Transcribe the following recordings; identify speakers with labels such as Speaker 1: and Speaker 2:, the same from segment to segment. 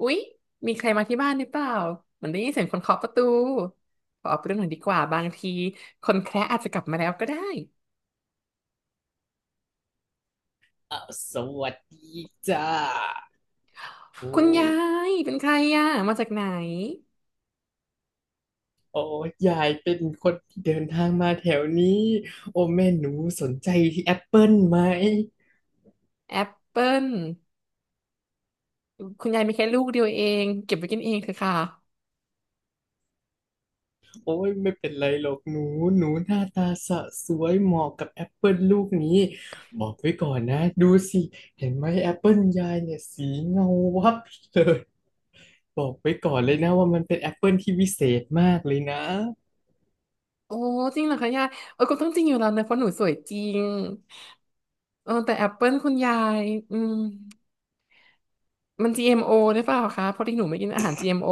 Speaker 1: อุ๊ยมีใครมาที่บ้านหรือเปล่าเหมือนได้ยินเสียงคนเคาะประตูขอออกไปดูหน่อยดีกว่าบางทีคนแคระอาจจะกลับมาแล้วก็ได้
Speaker 2: อ่ะสวัสดีจ้า โอ้
Speaker 1: คุณยายเป็นใครอ่ะมาจากไหน
Speaker 2: โอ้ยายเป็นคนที่เดินทางมาแถวนี้โอ้แม่หนูสนใจที่แอปเปิลไหม
Speaker 1: แอปเปิลคุณยายมีแค่ลูกเดียวเองเก็บไว้กินเองเถอะค่ะ
Speaker 2: โอ้ยไม่เป็นไรหรอกหนู หนูหน้าตาสวยเหมาะกับแอปเปิลลูกนี้ บอกไว้ก่อนนะดูสิ เห็นไหมแอปเปิลยายเนี่ยสีเงาวับเลย บอกไว้ก่อนเลยนะว่ามันเป็นแอปเปิลที่วิเศษมากเลยนะ
Speaker 1: โอ้จริงเหรอคะยายเออก็ต้องจริงอยู่แล้วเนอะเพราะหนูสวยจริงเออแต่แอปเปิลคุณยายอืมมัน GMO หรือเปล่าคะเพราะที่หนูไม่กินอาหาร GMO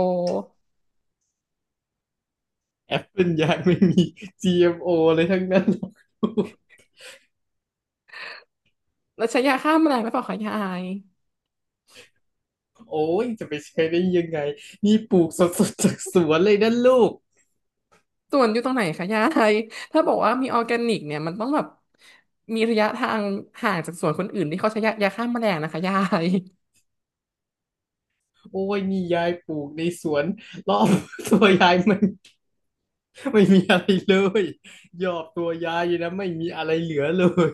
Speaker 2: แอปเปิลยายไม่มี GMO เอ็มโอเลยทั้งนั้นหรอก
Speaker 1: แล้วใช้ยาฆ่าแมลงหรือเปล่าคะยาย
Speaker 2: โอ้ยจะไปใช้ได้ยังไงนี่ปลูกสดๆจากสวนเลยนะลูก
Speaker 1: สวนอยู่ตรงไหนคะยายถ้าบอกว่ามีออร์แกนิกเนี่ยมันต้องแบบมีระยะทางห่างจากสวนคนอื่นที่เขาใช้ยาฆ่าแมลงนะคะยาย
Speaker 2: โอ้ยนี่ยายปลูกในสวนรอบตัวยายมัน ไม่มีอะไรเลยยอดตัวยายอยู่นะไม่มีอะไรเหลือเลย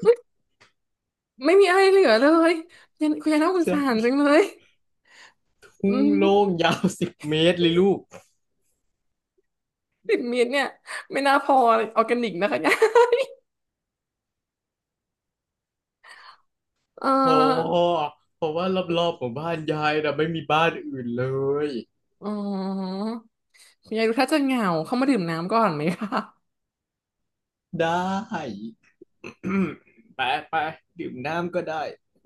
Speaker 1: ไม่มีอะไรเหลือเลยยันคุณยายน่า สงสารจั
Speaker 2: ใช่
Speaker 1: งเลย
Speaker 2: ทุ่
Speaker 1: อื
Speaker 2: ง
Speaker 1: ม
Speaker 2: โล่งยาว10 เมตรเลยลูก
Speaker 1: 10 เมตรเนี่ยไม่น่าพอออร์แกนิกนะคะยาย เ
Speaker 2: พอ
Speaker 1: ออ
Speaker 2: เพราะว่ารอบๆของบ้านยายนะไม่มีบ้านอื่นเลย
Speaker 1: อ๋อคุณยายดูถ้าจะเหงาเข้ามาดื่มน้ำก่อนไหมคะ
Speaker 2: ได้ ไปไปดื่มน้ำก็ได้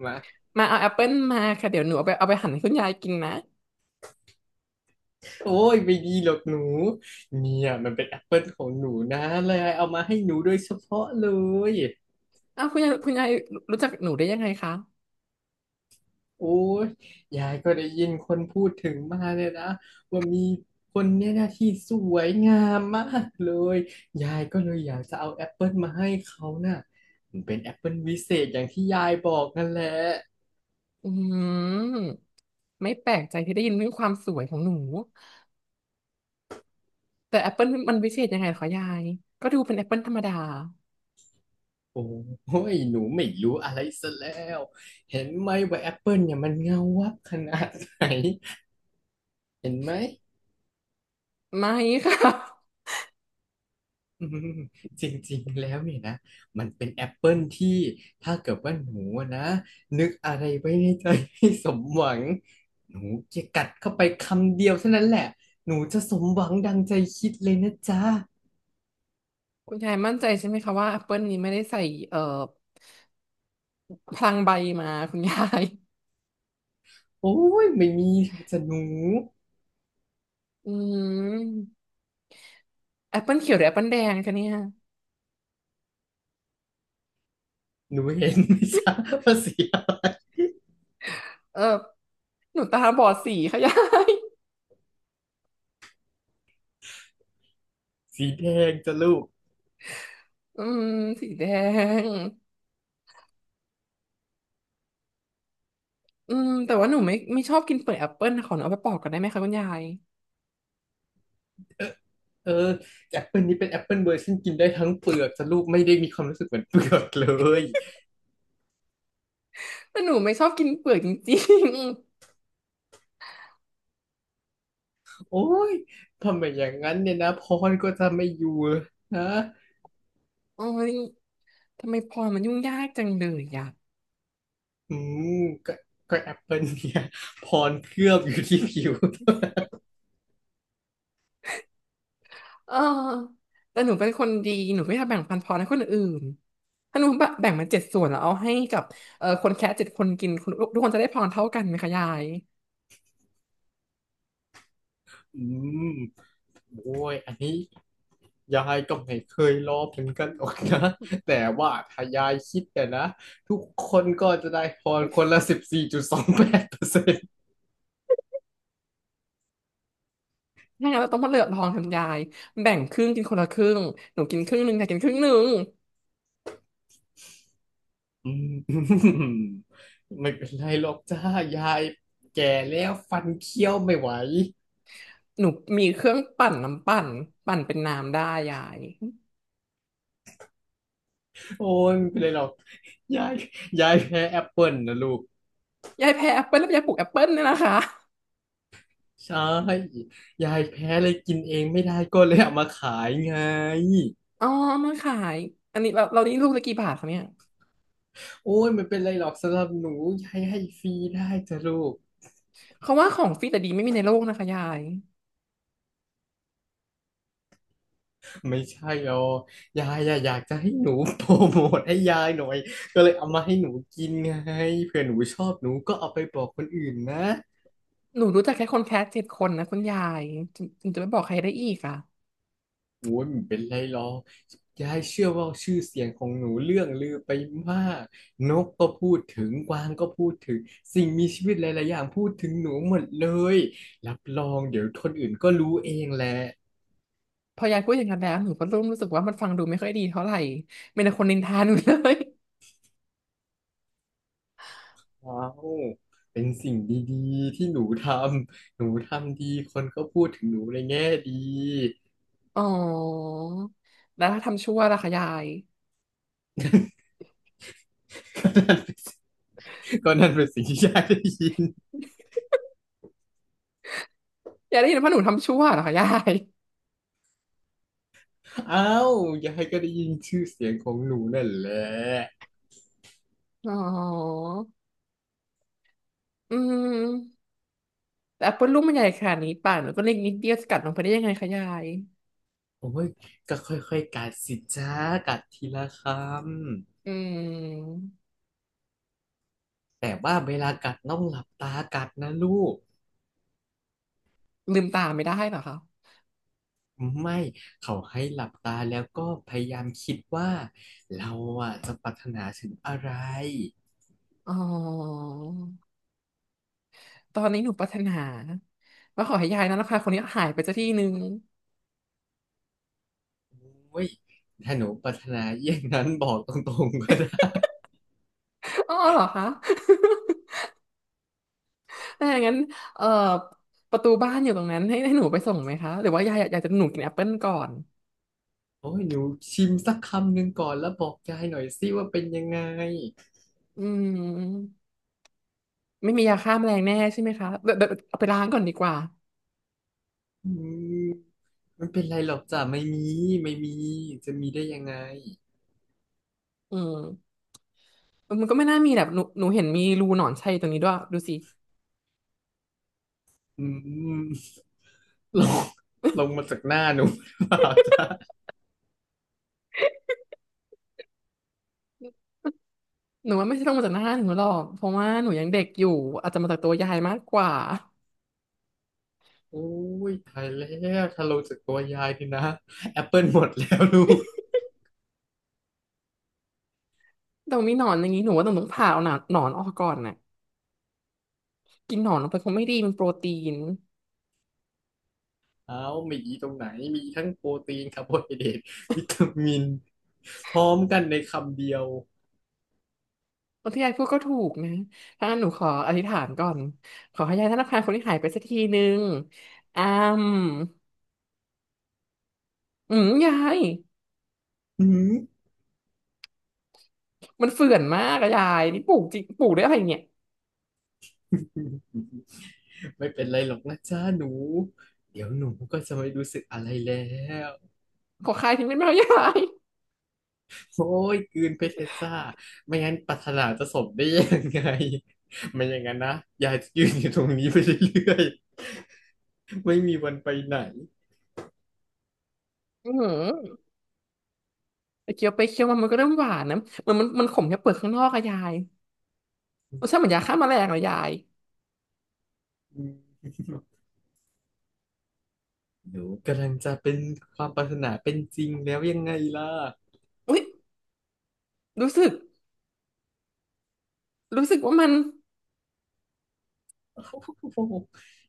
Speaker 2: มา
Speaker 1: มาเอาแอปเปิลมาค่ะเดี๋ยวหนูเอาไปหั่นให้คุณยายกินนะ
Speaker 2: โอ้ยไม่ดีหรอกหนู เนี่ยมันเป็นแอปเปิลของหนูนะเลยเอามาให้หนูโดยเฉพาะเลย
Speaker 1: อ้าวคุณยายคุณยายรู้จักหนูได้ยังไงคะ
Speaker 2: โอ้ยยายก็ได้ยินคนพูดถึงมาเลยนะว่ามีคนเนี่ยนะที่สวยงามมากเลย ยายก็เลยอยากจะเอาแอปเปิลมาให้เขาน่ะมันเป็นแอปเปิลวิเศษอย่างที่ยายบอกนั่นแหละ
Speaker 1: อืมไม่แปลกใจที่ได้ยินเรื่องความสวยของหนูแต่แอปเปิลมันวิเศษยังไงเหรอคะยายก็ดูเป็นแอปเปิลธรรมดา
Speaker 2: โอ้ยหนูไม่รู้อะไรซะแล้ว เห็นไหมว่าแอปเปิลเนี่ยมันเงาวับขนาดไหนเห็นไหม
Speaker 1: ไม่ค่ะ
Speaker 2: อืมจริงๆแล้วเนี่ยนะ มันเป็นแอปเปิลที่ถ้าเกิดว่าหนูอะนะนึกอะไรไว้ในใจให้สมหวังหนูจะกัดเข้าไปคำเดียวเท่านั้นแหละหนูจะสมหวังดังใจคิดเลยนะจ๊ะ
Speaker 1: คุณยายมั่นใจใช่ไหมคะว่าแอปเปิลนี้ไม่ได้ใส่เอ่อพลังใบมาคุณยาย
Speaker 2: โอ้ยไม่มีจะหนู
Speaker 1: อืมแอปเปิลเขียวหรือแอปเปิลแดงคะเนี่ย
Speaker 2: หนูเห็นไหมจ๊ะ ว่าสีอะไร
Speaker 1: เออหนูตาบอดสีค่ะยาย
Speaker 2: สีแดงจ้ะลูก
Speaker 1: อืมสีแดงแต่ว่าหนูไม่ชอบกินเปลือกแอปเปิลนะขอหนูเอาไปปอกก่อนได้ไหมคะคุณยาย
Speaker 2: เออเออแอปเปิลนี้เป็นแอปเปิลเวอร์ชันกินได้ทั้งเปลือกจ้ะลูกไม่ได้มีความรู้สึกเหมือนเปลือกเลย
Speaker 1: แต่หนูไม่ชอบกินเปลือกจริง
Speaker 2: โอ้ยทำไมอย่างนั้นเนี่ยนะพรก็จะไม่อยู่นะ
Speaker 1: ๆ โอ้ย ทำไมพรมันยุ่งยากจังเลยอ่ะ
Speaker 2: อืมก็ก็แอปเปิลเนี่ย พรเคลือบอยู่ที่ผิว
Speaker 1: เออแต่หนูเป็นคนดี หนูไม่ทำแบ่งปันพรให้คนอื่นถ้าหนูแบ่งมัน7 ส่วนแล้วเอาให้กับคนแค่เจ็ดคนกินคนทุกคนจะได้พรเท่ากันไหมคะยาย
Speaker 2: อืมโอ้ยอันนี้ยายก็ไม่เคยรอเหมือนกันหรอกนะ แต่ว่าถ้ายายคิดเนี่ยนะทุกคนก็จะได้พรคนละ14.28%
Speaker 1: ถ้างั้นเราต้องมาเลือกพรคนยายแบ่งครึ่งกินคนละครึ่งหนูกินครึ่งหนึ่งยายกินครึ่งหนึ่ง
Speaker 2: อืม ไม่เป็นไรหรอกจ้า ยายแก่แล้วฟันเคี้ยวไม่ไหว
Speaker 1: หนูมีเครื่องปั่นน้ำปั่นเป็นน้ำได้ยาย
Speaker 2: โอ้ยไม่เป็นไรหรอก ยายยายแพ้แอปเปิลนะลูก
Speaker 1: ยายแพ้แอปเปิ้ลแล้วยายปลูกแอปเปิ้ลเนี่ยนะคะ
Speaker 2: ใช่ยายแพ้เลยกินเองไม่ได้ก็เลยเอามาขายไง
Speaker 1: อ๋อมาขายอันนี้เรานี่ลูกละกี่บาทคะเนี่ย
Speaker 2: โอ้ยไม่เป็นไรหรอกสำหรับหนูยายให้ฟรีได้จ้ะลูก
Speaker 1: เขาว่าของฟรีแต่ดีไม่มีในโลกนะคะยาย
Speaker 2: ไม่ใช่หรอกยายอะอยากจะให้หนูโปรโมทให้ยายหน่อยก็เลยเอามาให้หนูกินไงเผื่อหนูชอบหนูก็เอาไปบอกคนอื่นนะ
Speaker 1: หนูรู้จักแค่คนแคส7 คนนะคุณยายถึงจะไม่บอกใครได้อีกอ่ะ
Speaker 2: โอ้ยมันเป็นไรหรอกยายเชื่อว่าชื่อเสียงของหนูเรื่องลือไปมากนกก็พูดถึงกวางก็พูดถึงสิ่งมีชีวิตหลายๆอย่างพูดถึงหนูหมดเลยรับรองเดี๋ยวคนอื่นก็รู้เองแหละ
Speaker 1: พอยายพูดอย่างนั้นแล้วหนูก็เริ่มรู้สึกว่ามันฟังดูไม่ค่อยดีเท่าไหร่มีแต่คนนินทาหนูเลย
Speaker 2: ว้าวเป็นสิ่งดีๆที่หนูทำดีคนก็พูดถึงหนูในแง่ดี
Speaker 1: อ๋อแล้วถ้าทำชั่วล่ะคะยาย
Speaker 2: ก็นั่นเป็นสิ่งที่ยายได้ยิน
Speaker 1: ยายได้ยินว่าหนูทำชั่วเหรอคะยาย
Speaker 2: อ้าวยายก็ได้ยินชื่อเสียงของหนูนั่นแหละ
Speaker 1: อ๋ออืมแต่แอปเปิลลูกมันใหญ่ขนาดนี้ป่านหนูก็เล็กนิดเดียวจะกัดลงไปได้ยังไงคะยาย
Speaker 2: โอ้ยก็ค่อยๆกัดสิจ้ากัดทีละค
Speaker 1: อืม
Speaker 2: ำแต่ว่าเวลากัดต้องหลับตากัดนะลูก
Speaker 1: ลืมตาไม่ได้เหรอคะ
Speaker 2: ไม่เขาให้หลับตาแล้วก็พยายามคิดว่าเราอ่ะจะปรารถนาถึงอะไร
Speaker 1: อ๋อตอนนี้หนูปรารถนาว่าขอให้ยายนั้นราคาคนนี้หายไปสักทีนึง
Speaker 2: โอ้ยถ้าหนูปรารถนาอย่างนั้นบอกตรงๆก็ได้
Speaker 1: อ๋อเหรอคะ ถ้าอย่างนั้นเอ่อประตูบ้านอยู่ตรงนั้นให้หนูไปส่งไหมคะหรือว่ายายอยากจะหนูกินแอปเปิลก่อน
Speaker 2: โอ้ยหนูชิมสักคำหนึ่งก่อนแล้วบอกยายหน่อยสิว่าเป็นยังไง
Speaker 1: อืมไม่มียาฆ่าแมลงแน่ใช่ไหมคะเดี๋ยวเอาไปล้างก่อนดีกว่า
Speaker 2: อืมมันเป็นไรหรอกจ้ะไม่มีจะมีได้ยังไง
Speaker 1: อืมมันก็ไม่น่ามีแบบหนูเห็นมีรูหนอนชัยตรงนี้ด้วยดูสิ
Speaker 2: อืม ลงลงมาจากหน้าหนูหรือเปล่าจ๊ะ
Speaker 1: หนูว่าไม่ใช่ลงมาจากหน้าหนูหรอกเพราะว่าหนูยังเด็กอยู่อาจจะมาจากตัวยายมากกว่า
Speaker 2: โอ้ยตายแล้วถ้าลงจากตัวยายนี่นะแอปเปิลหมดแล้วลูก
Speaker 1: แต่มีหนอนอย่างนี้หนูว่าต้องผ่าเอาหนอนออกก่อนน่ะกินหนอนลงไปคงไม่ดีมันโปรตีน
Speaker 2: เอ้ามีอีตรงไหนมีทั้งโปรตีนคาร์โบไฮเดรตวิตามินพร้อมกันในคำเดียว
Speaker 1: ที่ยายพูดก็ถูกนะ ถ้างั้นหนูขออธิษฐานก่อนขอให้ยายธนาคารคนที่หายไปสักทีนึงอ้ามอืมยาย
Speaker 2: หืม
Speaker 1: มันเฟื่อนมากอะยายนี่ปลูกจริงปลูกได้อะไรเนี่ย
Speaker 2: ไม่เป็นไรหรอกนะจ๊ะหนูเดี๋ยวหนูก็จะไม่รู้สึกอะไรแล้ว
Speaker 1: ขอคายทิ้งได้ไหมอะยาย
Speaker 2: โอ้ยกลืนไปชรเพชรจ้าไม่งั้นปรารถนาจะสมได้ยังไง ไม่อย่างนั้นนะยายจะยืนอยู่ตรงนี้ไปเรื่อยๆ ไม่มีวันไปไหน
Speaker 1: อืมไปเคี้ยวไปเคี้ยวมามันก็เริ่มหวานนะเหมือนมันขมแค่เปลือกข้างนอกอะยายรสชาติเหมือนยาฆ่าแมลงเลยยาย
Speaker 2: หนูกำลังจะเป็นความปรารถนาเป็นจริงแล้วยังไงล่ะ
Speaker 1: อุ้ยรู้สึกรู้สึกว่ามัน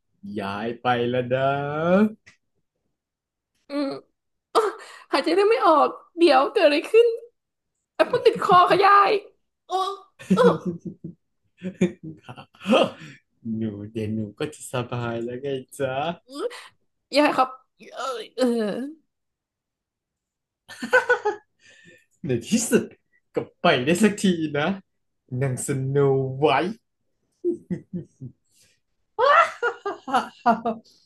Speaker 2: ย้ายไปแล้วนะ
Speaker 1: อืมอ๊ะหายใจได้ไม่ออกเดี๋ยวเกิดอะไรขึ้นแอปเปิลติดคอค่ะยายโอ้เออ
Speaker 2: หนูเดี๋ยวหนูก็จะสบายแล้วไงจ๊ะ
Speaker 1: ยายครับเออเออ
Speaker 2: ในที่สุดก็ไปได้สักทีนะนางสโนไวท์